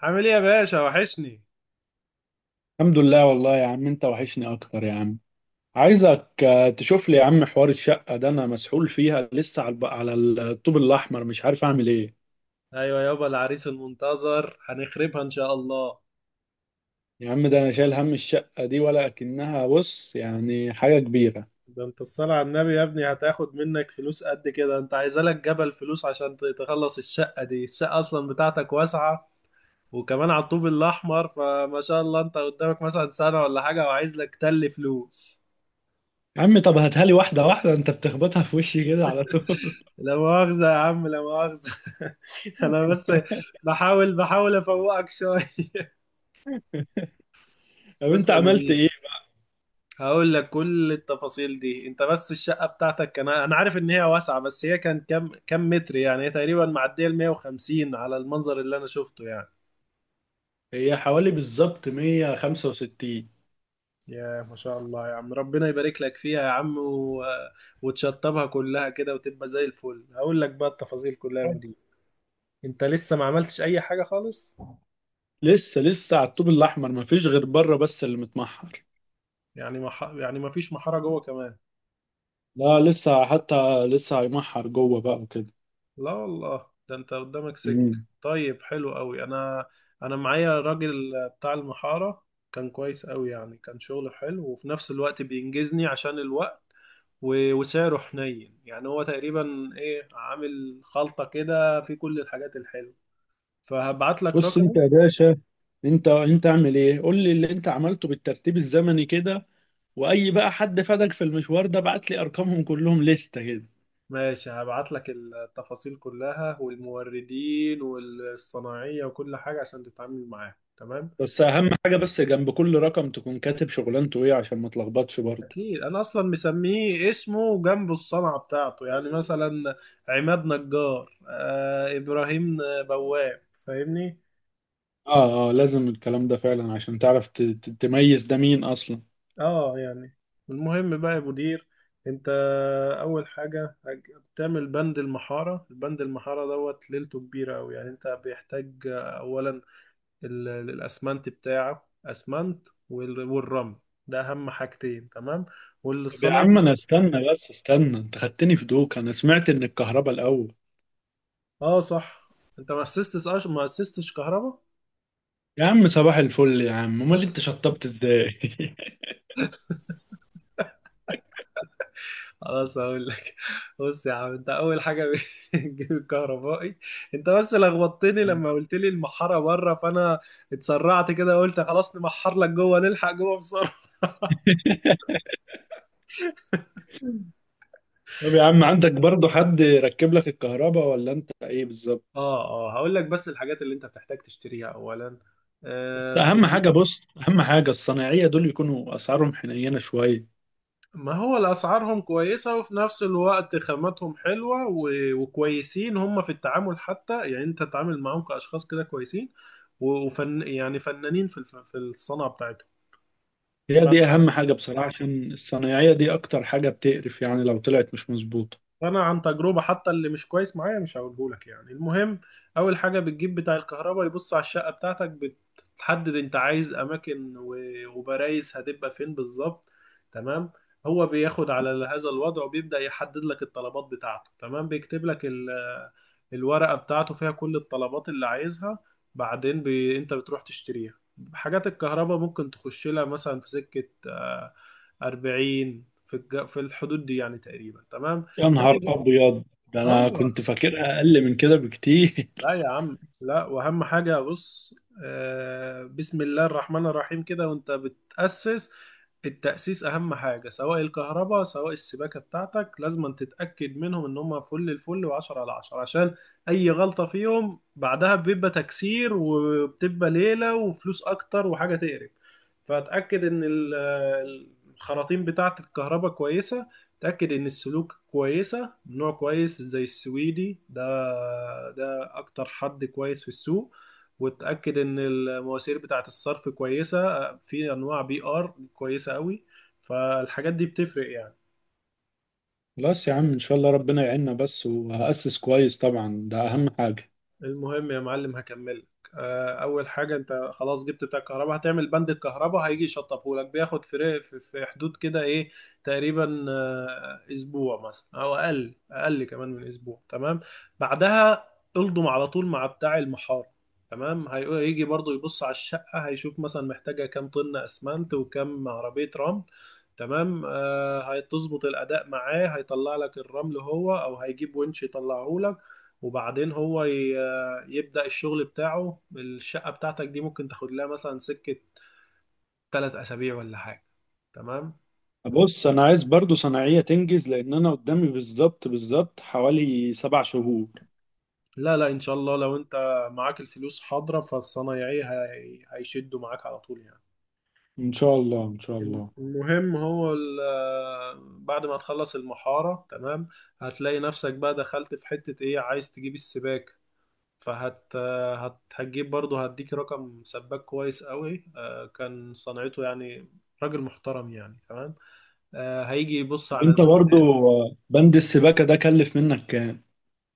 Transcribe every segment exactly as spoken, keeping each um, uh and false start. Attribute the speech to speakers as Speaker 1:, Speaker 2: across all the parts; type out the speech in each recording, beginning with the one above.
Speaker 1: عامل ايه يا باشا؟ وحشني.
Speaker 2: الحمد لله والله يا عم، انت وحشني اكتر يا عم. عايزك، آه، تشوف لي يا عم حوار الشقة ده، انا مسحول فيها لسه على الب- على الطوب الاحمر، مش عارف اعمل ايه.
Speaker 1: ايوه يابا، العريس المنتظر هنخربها ان شاء الله.
Speaker 2: يا عم ده انا شايل هم الشقة دي ولا اكنها، بص يعني حاجة كبيرة.
Speaker 1: ده انت الصلاة على النبي يا ابني هتاخد منك فلوس قد كده؟ انت عايزة لك جبل فلوس عشان ت- تخلص الشقة دي. الشقة اصلا بتاعتك واسعة، وكمان على الطوب الاحمر، فما شاء الله، انت قدامك مثلا سنة ولا حاجة، وعايز لك تل فلوس.
Speaker 2: يا عم طب هاتها لي واحدة واحدة، انت بتخبطها في وشي كده على طول.
Speaker 1: لا مؤاخذة يا عم، لا مؤاخذة. انا بس بحاول بحاول افوقك شوية.
Speaker 2: طب انت
Speaker 1: بص يا
Speaker 2: عملت ايه؟
Speaker 1: مدير، هقول لك كل التفاصيل دي. انت بس الشقة بتاعتك، كان انا عارف ان هي واسعة، بس هي كان كام كام متر يعني؟ هي تقريبا معدية ال مية وخمسين على المنظر اللي انا شفته يعني.
Speaker 2: هي حوالي بالظبط مية وخمسة وستين.
Speaker 1: يا ما شاء الله يا عم، ربنا يبارك لك فيها يا عم، و... وتشطبها كلها كده وتبقى زي الفل. هقول لك بقى التفاصيل كلها يا مدير. انت لسه ما عملتش اي حاجة خالص؟
Speaker 2: لسه لسه على الطوب الاحمر، مفيش غير بره بس اللي متمحر.
Speaker 1: يعني ما ح... يعني ما فيش محارة جوه كمان؟
Speaker 2: لا لسه، حتى لسه هيمحر جوه بقى.
Speaker 1: لا والله، ده انت قدامك
Speaker 2: وكده.
Speaker 1: سك طيب حلو قوي. انا انا معايا راجل بتاع المحارة، كان كويس قوي يعني، كان شغله حلو وفي نفس الوقت بينجزني عشان الوقت، و- وسعره حنين يعني. هو تقريبا ايه، عامل خلطة كده في كل الحاجات الحلوة. فهبعت لك
Speaker 2: بص انت
Speaker 1: رقمه.
Speaker 2: يا باشا، انت انت اعمل ايه، قول لي اللي انت عملته بالترتيب الزمني كده، واي بقى حد فادك في المشوار ده بعت لي ارقامهم كلهم لستة كده.
Speaker 1: ماشي، هبعت لك التفاصيل كلها والموردين والصناعية وكل حاجة عشان تتعامل معاه. تمام،
Speaker 2: بس اهم حاجة، بس جنب كل رقم تكون كاتب شغلانته ايه عشان ما تلخبطش برضه.
Speaker 1: اكيد انا اصلا مسميه اسمه جنبه الصنعه بتاعته، يعني مثلا عماد نجار، آه ابراهيم بواب، فاهمني؟
Speaker 2: اه، اه، لازم الكلام ده فعلا عشان تعرف ت- ت- تميز ده مين اصلا.
Speaker 1: اه يعني المهم بقى يا مدير، انت اول حاجه هج- بتعمل بند المحاره. البند المحاره دوت ليلته كبيره قوي يعني. انت بيحتاج اولا ال- الاسمنت بتاعه، اسمنت وال- والرمل، ده اهم حاجتين تمام،
Speaker 2: طب يا عم
Speaker 1: والصنايعي.
Speaker 2: انا استنى بس استنى، انت خدتني في دوك، انا سمعت ان الكهرباء الاول.
Speaker 1: اه صح، انت ما اسستش ما اسستش كهرباء؟
Speaker 2: يا عم صباح الفل يا عم، امال انت شطبت ازاي؟
Speaker 1: خلاص هقول لك. بص يا عم، انت اول حاجه بتجيب الكهربائي. انت بس لخبطتني لما قلت لي المحاره بره، فانا اتسرعت كده قلت خلاص نمحر لك جوه، نلحق جوه بسرعه.
Speaker 2: طب يا عم، عندك برضو حد يركب لك الكهرباء ولا انت ايه بالظبط؟
Speaker 1: اه اه، هقول لك بس الحاجات اللي انت بتحتاج تشتريها اولا.
Speaker 2: بس
Speaker 1: آه
Speaker 2: اهم
Speaker 1: بتج-
Speaker 2: حاجه، بص اهم حاجه الصنايعيه دول يكونوا اسعارهم حنينه شويه.
Speaker 1: ما هو الاسعارهم كويسه، وفي نفس الوقت خاماتهم حلوه، و- وكويسين هم في التعامل حتى يعني، انت تتعامل معاهم كاشخاص كده كويسين، و- وفن يعني فنانين في الف- في الصنعه بتاعتهم.
Speaker 2: هي دي اهم حاجه بصراحه، عشان الصنايعيه دي اكتر حاجه بتقرف يعني لو طلعت مش مظبوطه.
Speaker 1: انا عن تجربه، حتى اللي مش كويس معايا مش هقوله لك يعني. المهم، اول حاجه بتجيب بتاع الكهرباء يبص على الشقه بتاعتك، بتحدد انت عايز اماكن و- وبرايز هتبقى فين بالظبط. تمام، هو بياخد على هذا الوضع وبيبدا يحدد لك الطلبات بتاعته. تمام، بيكتب لك ال- الورقه بتاعته فيها كل الطلبات اللي عايزها. بعدين بي... انت بتروح تشتريها. حاجات الكهرباء ممكن تخش لها مثلا في سكه، آه، اربعين، في الج... في الحدود دي يعني تقريبا. تمام،
Speaker 2: يا نهار
Speaker 1: تاني.
Speaker 2: ابيض، ده انا كنت
Speaker 1: آه.
Speaker 2: فاكرها اقل من كده بكتير.
Speaker 1: لا يا عم لا، واهم حاجه بص، آه بسم الله الرحمن الرحيم كده وانت بتاسس. التاسيس اهم حاجه، سواء الكهرباء سواء السباكه بتاعتك، لازم تتاكد منهم ان هم فل الفل، وعشرة على عشرة، عشان اي غلطه فيهم بعدها بيبقى تكسير وبتبقى ليله وفلوس اكتر وحاجه تقرف. فاتاكد ان ال- الخراطيم بتاعه الكهرباء كويسه، اتاكد ان السلوك كويسه نوع كويس زي السويدي ده، اكتر حد كويس في السوق. وتأكد ان المواسير بتاعة الصرف كويسة، في انواع بي ار كويسة قوي، فالحاجات دي بتفرق يعني.
Speaker 2: خلاص يا عم ان شاء الله ربنا يعيننا بس، وهأسس كويس طبعا، ده اهم حاجه.
Speaker 1: المهم يا معلم، هكملك. آه، اول حاجه انت خلاص جبت بتاع الكهرباء، هتعمل بند الكهرباء. هيجي يشطبهولك بياخد فرق في في حدود كده ايه، تقريبا آه، اسبوع مثلا، او اقل، اقل كمان من اسبوع. تمام، بعدها الضم على طول مع بتاع المحار. تمام، هي- هيجي برضو يبص على الشقه، هيشوف مثلا محتاجه كام طن اسمنت وكام عربيه رمل. تمام، آه، هتظبط الاداء معاه، هيطلع لك الرمل هو، او هيجيب ونش يطلعه لك. وبعدين هو ي... يبدأ الشغل بتاعه. الشقة بتاعتك دي ممكن تاخد لها مثلا سكة تلات أسابيع ولا حاجة. تمام،
Speaker 2: بص انا عايز برضو صناعيه تنجز لان انا قدامي بالظبط بالظبط حوالي سبع شهور.
Speaker 1: لا لا إن شاء الله، لو أنت معاك الفلوس حاضرة، فالصنايعي هي- هيشدوا معاك على طول يعني.
Speaker 2: ان شاء الله ان شاء الله.
Speaker 1: المهم، هو ال- بعد ما تخلص المحارة تمام، هتلاقي نفسك بقى دخلت في حتة ايه، عايز تجيب السباك. فهت هت هتجيب برضه، هديك رقم سباك كويس قوي. آه، كان صنعته يعني راجل محترم يعني. تمام، آه، هيجي يبص
Speaker 2: طب انت
Speaker 1: على،
Speaker 2: برضو، بند السباكة ده كلف منك كام؟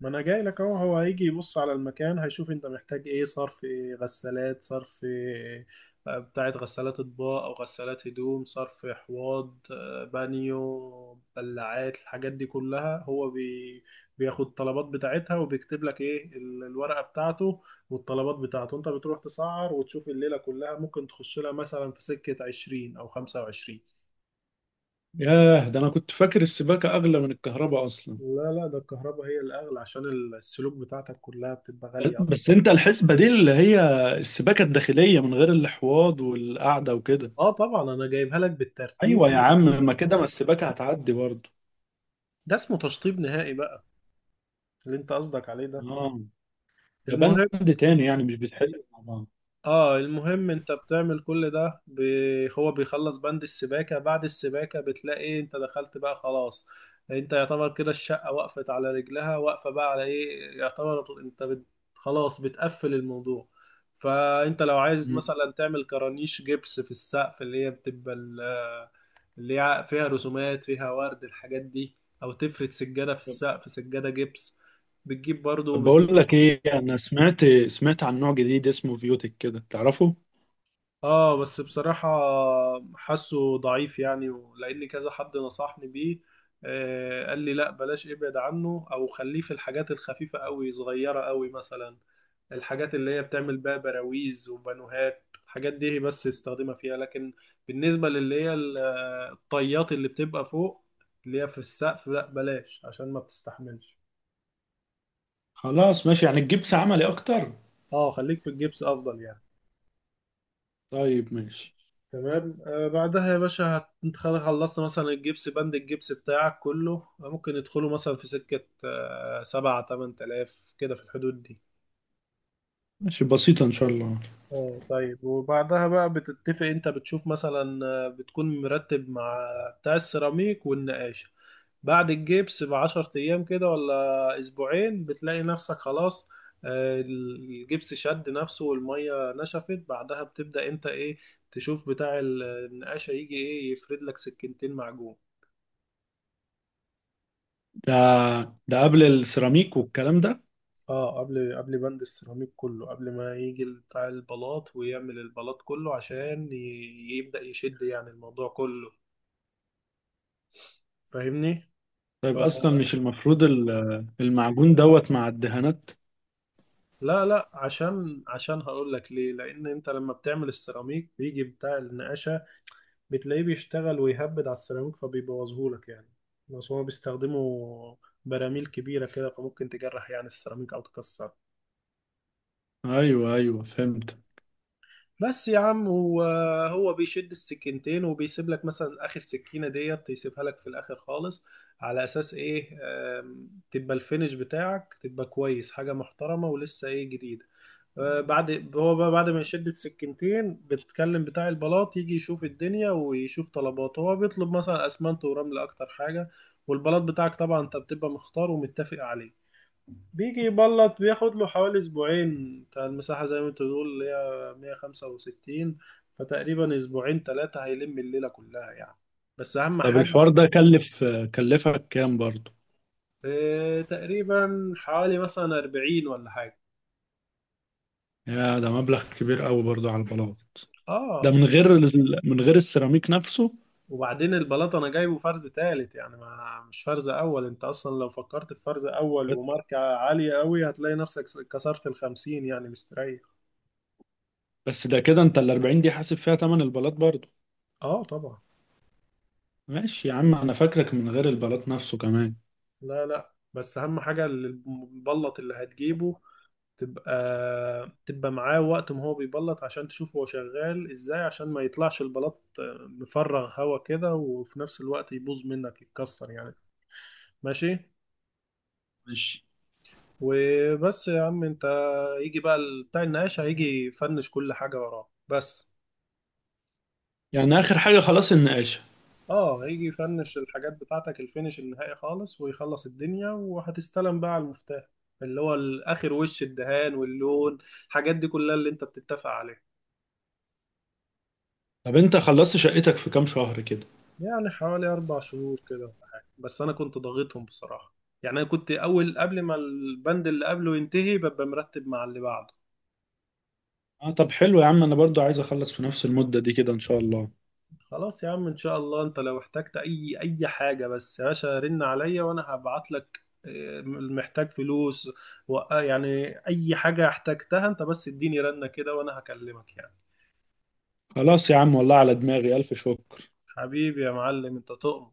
Speaker 1: ما انا جاي لك اهو. هو هيجي يبص على المكان، هيشوف انت محتاج ايه، صرف إيه، غسالات، صرف إيه، بتاعت غسالات اطباق او غسالات هدوم، صرف حواض، آه، بانيو، بلعات، الحاجات دي كلها هو بي بياخد الطلبات بتاعتها، وبيكتب لك ايه ال- الورقة بتاعته والطلبات بتاعته. انت بتروح تسعر، وتشوف الليلة كلها ممكن تخش لها مثلا في سكة عشرين او خمسة وعشرين.
Speaker 2: ياه، ده انا كنت فاكر السباكة اغلى من الكهرباء اصلا.
Speaker 1: لا لا، ده الكهرباء هي الاغلى، عشان السلوك بتاعتك كلها بتبقى
Speaker 2: ب-
Speaker 1: غالية.
Speaker 2: بس انت الحسبة دي اللي هي السباكة الداخلية من غير الحواض والقعدة وكده.
Speaker 1: اه طبعا، انا جايبها لك
Speaker 2: ايوه
Speaker 1: بالترتيب.
Speaker 2: يا عم، ما كده ما السباكة هتعدي برضو.
Speaker 1: ده اسمه تشطيب نهائي بقى، اللي انت قصدك عليه ده.
Speaker 2: اه، ده
Speaker 1: المهم،
Speaker 2: بند تاني يعني مش بيتحسب مع بعض.
Speaker 1: اه المهم انت بتعمل كل ده ب... هو بيخلص بند السباكة. بعد السباكة بتلاقي انت دخلت بقى خلاص. انت يعتبر كده الشقة وقفت على رجلها، واقفة بقى على ايه، يعتبر انت بت... خلاص بتقفل الموضوع. فانت لو عايز
Speaker 2: مم.
Speaker 1: مثلا تعمل كرانيش جبس في السقف، اللي هي بتبقى ال- اللي يع- فيها رسومات، فيها ورد، الحاجات دي، او تفرد سجادة في
Speaker 2: طب
Speaker 1: السقف، سجادة جبس، بتجيب برضو
Speaker 2: طب
Speaker 1: وبتشوف.
Speaker 2: بقول لك ايه، انا سمعت سمعت عن نوع جديد اسمه فيوتك كده، تعرفه؟
Speaker 1: اه بس بصراحة حاسه ضعيف يعني، لان كذا حد نصحني بيه، آه قال لي لا بلاش، ابعد عنه او خليه في الحاجات الخفيفة قوي، صغيرة قوي، مثلا الحاجات اللي هي بتعمل بقى براويز وبانوهات، الحاجات دي بس يستخدمها فيها. لكن بالنسبة للي هي ال- آه، الطيات اللي بتبقى فوق، اللي هي في السقف، لا بلاش، عشان ما بتستحملش.
Speaker 2: خلاص ماشي، يعني تجيب عملي اكتر؟
Speaker 1: اه خليك في الجبس افضل يعني.
Speaker 2: طيب ماشي.
Speaker 1: تمام، آه بعدها يا باشا هت- انت خلاص خلصت مثلا الجبس، بند الجبس بتاعك كله ممكن يدخلوا مثلا في سكة آه سبعة تمن تلاف كده، في الحدود دي.
Speaker 2: ماشي بسيطة ان شاء الله.
Speaker 1: اه طيب، وبعدها بقى بتتفق، انت بتشوف مثلا، آه، بتكون مرتب مع بتاع السيراميك والنقاش. بعد الجبس بعشر أيام كده ولا أسبوعين، بتلاقي نفسك خلاص، آه، الجبس شد نفسه والمية نشفت. بعدها بتبدأ أنت إيه، تشوف بتاع ال- النقاشة. يجي إيه، يفرد لك سكينتين معجون.
Speaker 2: ده ده قبل السيراميك والكلام ده؟
Speaker 1: اه قبل قبل بند السيراميك كله، قبل ما يجي بتاع البلاط ويعمل البلاط كله، عشان ي- يبدأ يشد يعني الموضوع كله، فاهمني؟ ف...
Speaker 2: طيب اصلا مش المفروض ال- المعجون دوت مع الدهانات؟
Speaker 1: لا لا، عشان عشان هقول لك ليه. لان انت لما بتعمل السيراميك، بيجي بتاع النقاشه بتلاقيه بيشتغل ويهبد على السيراميك، فبيبوظهولك يعني. بس هما بيستخدموا براميل كبيرة كده، فممكن تجرح يعني السيراميك أو تكسر.
Speaker 2: ايوه، ايوه، فهمت.
Speaker 1: بس يا عم، هو هو بيشد السكينتين، وبيسيب لك مثلا آخر سكينة ديت يسيبها لك في الآخر خالص، على أساس إيه، آم، تبقى الفينش بتاعك تبقى كويس، حاجة محترمة ولسه إيه، جديدة. آه، بعد هو بقى بعد ما يشد السكينتين، بتكلم بتاع البلاط يجي يشوف الدنيا ويشوف طلباته. هو بيطلب مثلا اسمنت ورمل اكتر حاجة. والبلاط بتاعك طبعا انت بتبقى مختار ومتفق عليه. بيجي يبلط، بياخد له حوالي اسبوعين. بتاع المساحة زي ما انت بتقول اللي هي مية وخمسة وستين، فتقريبا اسبوعين ثلاثة هيلم الليلة كلها يعني، بس اهم
Speaker 2: طب
Speaker 1: حاجة.
Speaker 2: الحوار ده كلف كلفك كام برضو؟
Speaker 1: آه، تقريبا حوالي مثلا اربعين ولا حاجة.
Speaker 2: يا، ده مبلغ كبير قوي برضو على البلاط. ده
Speaker 1: اه،
Speaker 2: من غير ال- من غير السيراميك نفسه.
Speaker 1: وبعدين البلاط انا جايبه فرز تالت، يعني ما مش فرز اول. انت اصلا لو فكرت في فرز اول وماركة عالية قوي، هتلاقي نفسك كسرت الخمسين يعني مستريح.
Speaker 2: بس ده كده، انت ال اربعين دي حاسب فيها تمن البلاط برضو؟
Speaker 1: اه طبعا.
Speaker 2: ماشي يا عم، انا فاكرك من غير البلاط نفسه كمان.
Speaker 1: لا لا، بس اهم حاجة البلط اللي هتجيبه، تبقى تبقى معاه وقت ما هو بيبلط، عشان تشوف هو شغال ازاي، عشان ما يطلعش البلاط مفرغ هوا كده، وفي نفس الوقت يبوظ منك يتكسر يعني. ماشي،
Speaker 2: ماشي،
Speaker 1: وبس يا عم انت، يجي بقى ال- بتاع النقاش، هيجي يفنش كل حاجة وراه بس.
Speaker 2: يعني اخر حاجة خلاص النقاشة؟
Speaker 1: اه هيجي يفنش الحاجات بتاعتك الفينش النهائي خالص، ويخلص الدنيا وهتستلم بقى على المفتاح، اللي هو الاخر وش الدهان واللون، الحاجات دي كلها اللي انت بتتفق عليها.
Speaker 2: طب انت خلصت شقتك في كام شهر كده؟
Speaker 1: يعني حوالي اربع شهور كده ولا حاجة، بس انا كنت ضاغطهم بصراحة. يعني انا كنت اول قبل ما البند اللي قبله ينتهي، ببقى مرتب مع اللي بعده.
Speaker 2: اه طب حلو يا عم، انا برضو عايز اخلص في نفس المدة دي كده ان شاء الله.
Speaker 1: خلاص يا عم ان شاء الله، انت لو احتجت اي اي حاجه بس يا باشا، رن عليا وانا هبعت لك. آه، محتاج فلوس، و آه، يعني اي حاجه احتجتها انت، بس اديني رنه كده وانا هكلمك يعني.
Speaker 2: خلاص يا عم، والله على دماغي الف شكر.
Speaker 1: حبيبي يا معلم، انت تؤمن.